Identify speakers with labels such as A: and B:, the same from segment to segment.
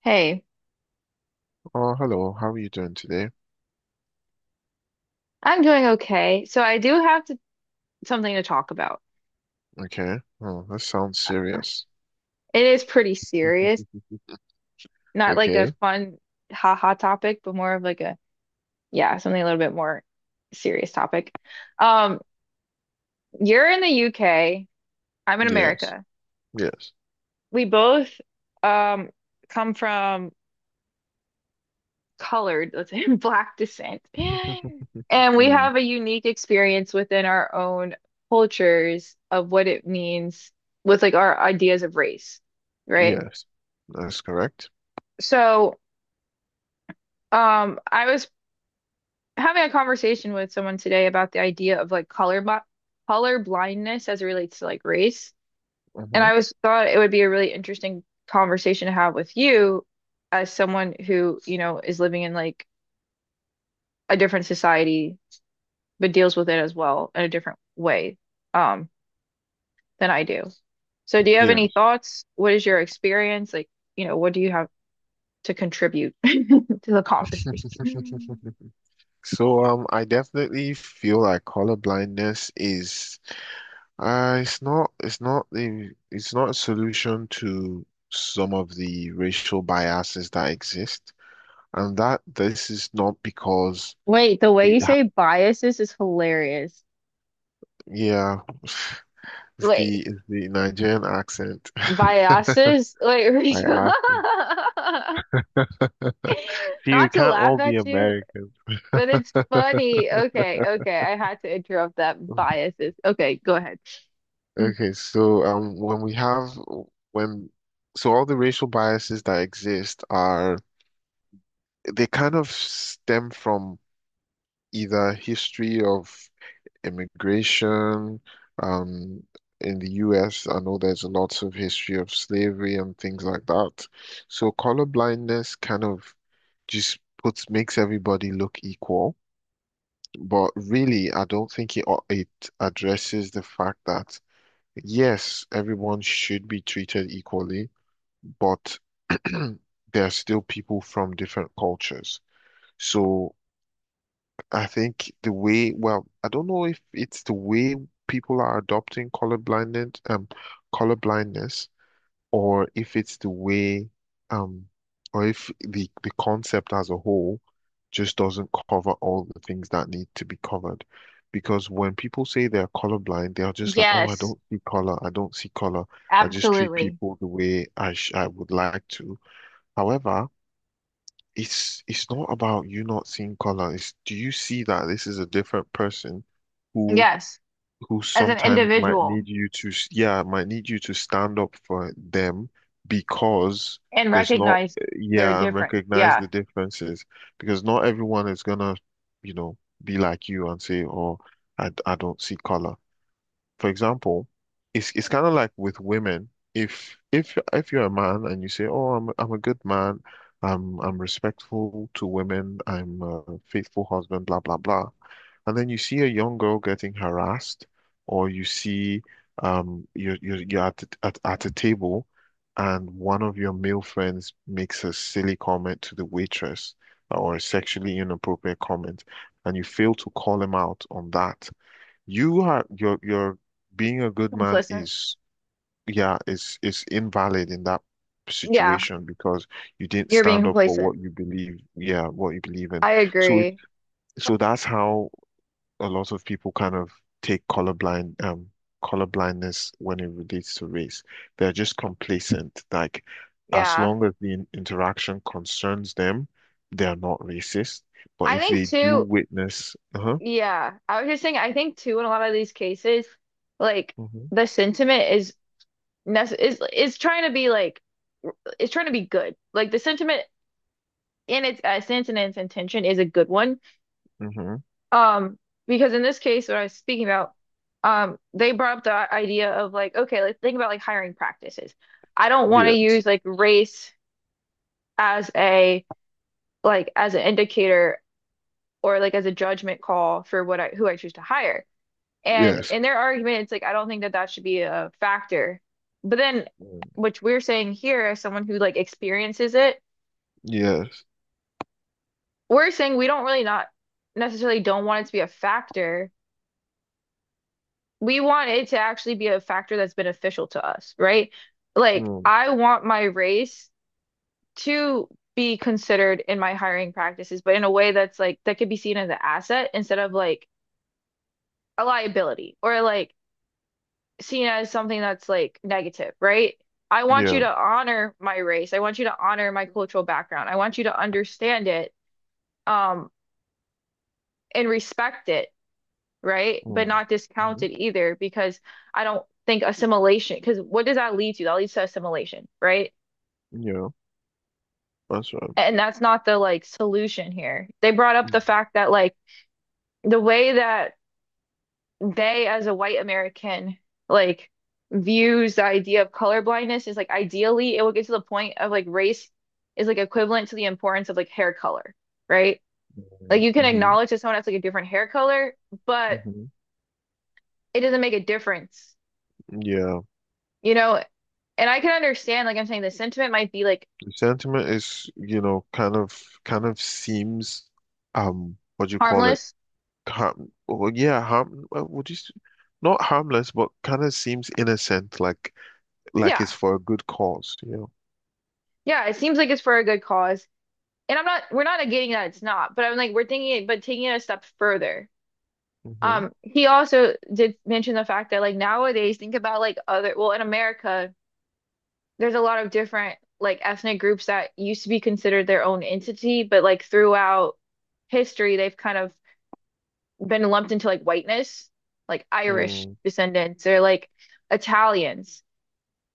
A: Hey,
B: Oh, hello. How are you doing today?
A: I'm doing okay. So I do have to, something to talk about.
B: Okay. Oh, that sounds serious.
A: It is pretty serious, not like a
B: Okay.
A: fun haha topic, but more of like a yeah, something a little bit more serious topic. Um, you're in the UK, I'm in
B: Yes.
A: America.
B: Yes.
A: We both um come from colored, let's say black descent. And we
B: Mm,
A: have a unique experience within our own cultures of what it means with like our ideas of race, right?
B: yes. That's correct.
A: So, I was having a conversation with someone today about the idea of like color blindness as it relates to like race, and
B: Hmm.
A: I was thought it would be a really interesting conversation to have with you as someone who, you know, is living in like a different society but deals with it as well in a different way, um, than I do. So, do you have any
B: Yes.
A: thoughts? What is your experience? Like, you know, what do you have to contribute to the conversation?
B: So, I definitely feel like color blindness is, it's not the, it's not a solution to some of the racial biases that exist, and that this is not because
A: Wait, the way
B: it,
A: you
B: ha-
A: say biases is hilarious.
B: yeah. It's
A: Wait,
B: the it's the Nigerian accent. I
A: biases? Wait, Rachel.
B: asked him. See, we
A: Not to
B: can't
A: laugh
B: all be
A: at you,
B: American.
A: but it's funny. Okay, okay, I had to interrupt that. Biases. Okay, go ahead.
B: Okay, so when we have when so all the racial biases that exist are they kind of stem from either history of immigration, um, in the US, I know there's lots of history of slavery and things like that. So colorblindness kind of just puts makes everybody look equal. But really, I don't think it addresses the fact that yes, everyone should be treated equally, but there are still people from different cultures. So I think the way, well, I don't know if it's the way people are adopting colorblindness, colorblindness, or if it's the way, um, or if the concept as a whole just doesn't cover all the things that need to be covered. Because when people say they're colorblind, they are just like, oh, I
A: Yes,
B: don't see color. I just treat
A: absolutely.
B: people the way I would like to. However, it's not about you not seeing color. It's do you see that this is a different person who
A: Yes,
B: who
A: as an
B: sometimes might
A: individual
B: need you to, yeah, might need you to stand up for them because
A: and
B: there's not,
A: recognize they're
B: yeah, and
A: different.
B: recognize
A: Yeah,
B: the differences, because not everyone is gonna, you know, be like you and say, oh, I don't see color. For example, it's kind of like with women. If you're a man and you say, "Oh, I'm a good man, I'm respectful to women, I'm a faithful husband," blah blah blah, and then you see a young girl getting harassed, or you see you're at a table, and one of your male friends makes a silly comment to the waitress or a sexually inappropriate comment, and you fail to call him out on that. You are your your being a good man
A: complacent.
B: is, yeah, is invalid in that
A: Yeah,
B: situation, because you didn't
A: you're being
B: stand up for
A: complacent.
B: what you believe, yeah, what you believe in.
A: I
B: So it
A: agree.
B: so that's how a lot of people kind of take colorblindness when it relates to race. They're just complacent. Like, as
A: Yeah,
B: long as the interaction concerns them, they're not racist. But
A: I
B: if
A: think
B: they do
A: too.
B: witness, uh-huh.
A: Yeah, I was just saying, I think too, in a lot of these cases, like
B: Hmm.
A: the sentiment is is trying to be like it's trying to be good. Like the sentiment in its essence and its intention is a good one.
B: Hmm.
A: Um, because in this case, what I was speaking about, they brought up the idea of like, okay, let's think about like hiring practices. I don't want to use
B: Yes.
A: like race as a like as an indicator or like as a judgment call for what I who I choose to hire. And
B: Yes.
A: in their argument, it's like, I don't think that that should be a factor. But then,
B: Mm.
A: which we're saying here, as someone who like experiences it,
B: Yes.
A: we're saying we don't really not necessarily don't want it to be a factor. We want it to actually be a factor that's beneficial to us, right? Like,
B: Mm.
A: I want my race to be considered in my hiring practices, but in a way that's like that could be seen as an asset instead of like a liability or like seen as something that's like negative, right? I want you
B: Yeah.
A: to honor my race. I want you to honor my cultural background. I want you to understand it, um, and respect it, right? But
B: Mm.
A: not
B: Hmm.
A: discount it either, because I don't think assimilation, because what does that lead to? That leads to assimilation, right?
B: Yeah. That's right.
A: And that's not the like solution here. They brought up the
B: Mm-hmm.
A: fact that like the way that they as a white American like views the idea of colorblindness is like ideally it will get to the point of like race is like equivalent to the importance of like hair color, right? Like you can acknowledge that someone has like a different hair color, but
B: Hmm.
A: it doesn't make a difference,
B: Yeah.
A: you know? And I can understand, like I'm saying, the sentiment might be like
B: The sentiment is, you know, kind of seems, what do you call it?
A: harmless.
B: Yeah, harm would you s- not harmless, but kind of seems innocent, like it's
A: Yeah.
B: for a good cause, you know.
A: Yeah. It seems like it's for a good cause. And I'm not, we're not negating that it's not, but I'm like, we're thinking it, but taking it a step further.
B: Mm-hmm.
A: He also did mention the fact that like nowadays, think about like other, well, in America, there's a lot of different like ethnic groups that used to be considered their own entity, but like throughout history, they've kind of been lumped into like whiteness, like Irish
B: Mm.
A: descendants or like Italians,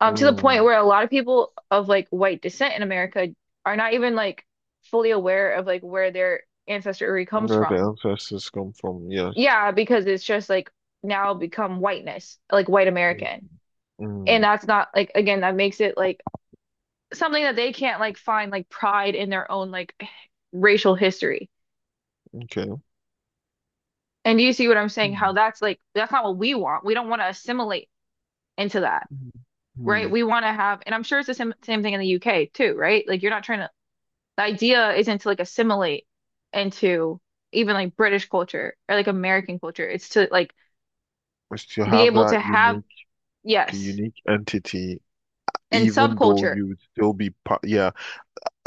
A: to the point
B: Mm.
A: where a lot of people of like white descent in America are not even like fully aware of like where their ancestry comes
B: Where the
A: from.
B: ancestors come from, yes.
A: Yeah, because it's just like now become whiteness, like white
B: Mm.
A: American. And
B: Mm.
A: that's not like again, that makes it like something that they can't like find like pride in their own like racial history.
B: Okay.
A: And do you see what I'm saying? How that's like that's not what we want. We don't want to assimilate into that,
B: Mhm.
A: right?
B: Hmm.
A: We want to have, and I'm sure it's the same same thing in the UK too, right? Like you're not trying to, the idea isn't to like assimilate into even like British culture or like American culture. It's to like
B: Is to
A: be
B: have
A: able to
B: that
A: have,
B: unique, the
A: yes,
B: unique entity,
A: and
B: even though
A: subculture
B: you would still be part. Yeah,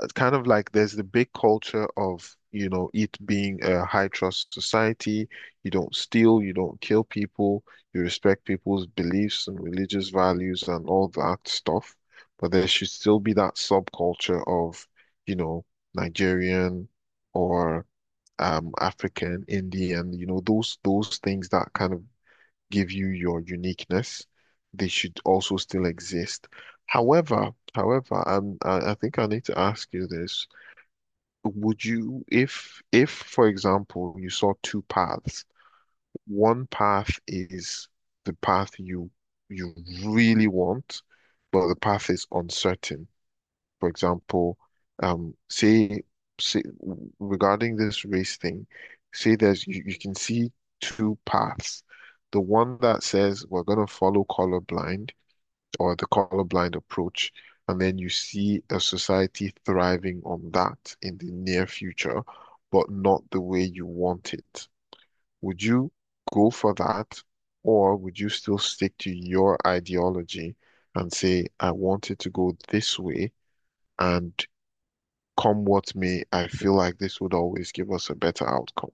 B: it's kind of like there's the big culture of, you know, it being a high trust society. You don't steal, you don't kill people, you respect people's beliefs and religious values and all that stuff. But there should still be that subculture of, you know, Nigerian or African, Indian, you know, those things that kind of give you your uniqueness. They should also still exist. However, I think I need to ask you this. Would you, if, for example, you saw two paths, one path is the path you really want, but the path is uncertain. For example, um, say, say regarding this race thing, say there's you, you can see two paths. The one that says we're going to follow colorblind approach, and then you see a society thriving on that in the near future, but not the way you want it. Would you go for that, or would you still stick to your ideology and say, I want it to go this way? And come what may, I feel like this would always give us a better outcome.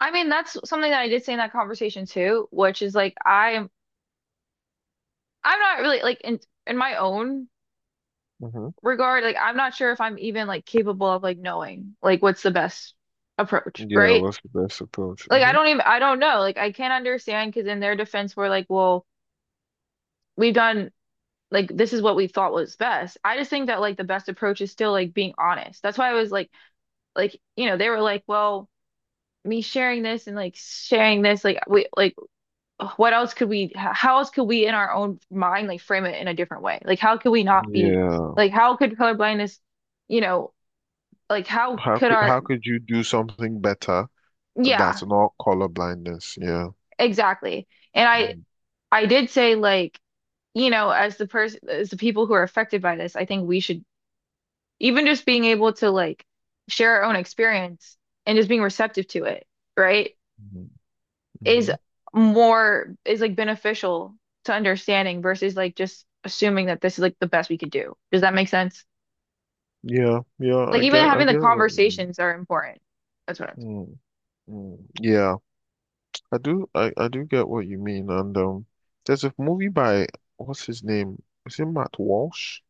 A: I mean, that's something that I did say in that conversation too, which is like I'm not really like in my own
B: Hmm.
A: regard, like I'm not sure if I'm even like capable of like knowing like what's the best approach,
B: Yeah,
A: right?
B: what's the best approach?
A: Like I
B: Hmm.
A: don't even I don't know. Like I can't understand because in their defense we're like, well, we've done like this is what we thought was best. I just think that like the best approach is still like being honest. That's why I was like you know, they were like, well, me sharing this and like sharing this like we like what else could we how else could we in our own mind like frame it in a different way like how could we not be
B: Yeah.
A: like how could colorblindness you know like how
B: How
A: could
B: could,
A: our
B: how could you do something better
A: yeah
B: that's not color blindness? Yeah.
A: exactly and I
B: Mm.
A: I did say like you know as the person as the people who are affected by this I think we should even just being able to like share our own experience and just being receptive to it right
B: Mm,
A: is
B: mhm.
A: more is like beneficial to understanding versus like just assuming that this is like the best we could do does that make sense
B: Yeah, yeah,
A: Like even
B: I
A: having the
B: get what you mean.
A: conversations are important. That's what I'm
B: Mm, mm. Yeah, I do, I do get what you mean. And there's a movie by what's his name? Is it Matt Walsh?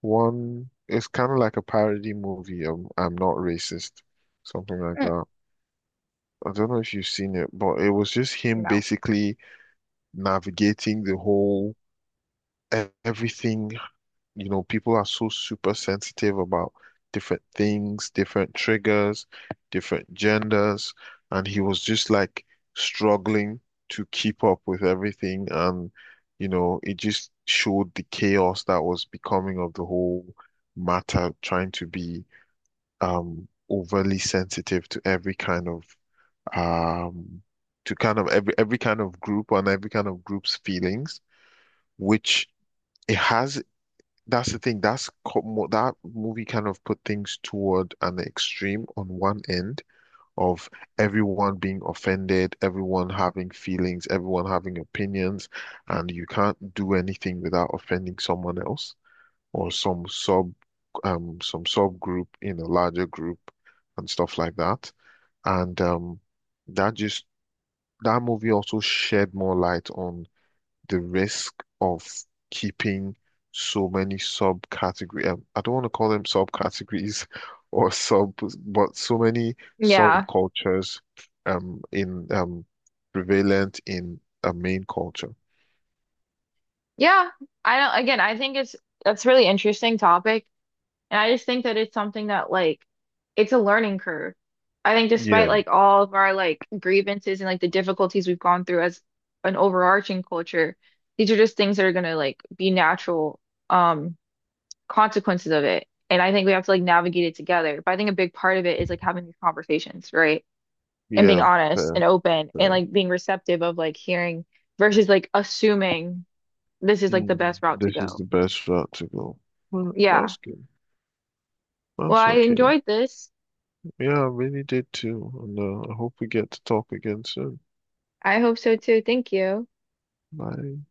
B: One, it's kind of like a parody movie of I'm Not Racist, something like
A: Mm,
B: that. I don't know if you've seen it, but it was just him
A: No.
B: basically navigating the whole everything. You know, people are so super sensitive about different things, different triggers, different genders, and he was just like struggling to keep up with everything. And, you know, it just showed the chaos that was becoming of the whole matter, trying to be overly sensitive to every kind of um every kind of group and every kind of group's feelings, which it has. That's the thing. That movie kind of put things toward an extreme on one end of everyone being offended, everyone having feelings, everyone having opinions, and you can't do anything without offending someone else or some subgroup in a larger group and stuff like that. And that just that movie also shed more light on the risk of keeping so many subcategory I don't want to call them subcategories or sub but so many
A: Yeah.
B: subcultures in prevalent in a main culture.
A: Yeah. I don't, again, I think it's that's a really interesting topic. And I just think that it's something that like it's a learning curve. I think despite
B: Yeah,
A: like all of our like grievances and like the difficulties we've gone through as an overarching culture, these are just things that are gonna like be natural um consequences of it. And I think we have to like navigate it together. But I think a big part of it is like having these conversations, right? And being
B: yeah,
A: honest
B: fair.
A: and open and
B: Fair.
A: like being receptive of like hearing versus like assuming this is like the
B: Mm,
A: best route to
B: this is
A: go.
B: the best route to go. Well,
A: Yeah.
B: that's good.
A: Well,
B: That's
A: I
B: okay.
A: enjoyed this.
B: Yeah, I really did too. And I hope we get to talk again soon.
A: I hope so too. Thank you.
B: Bye.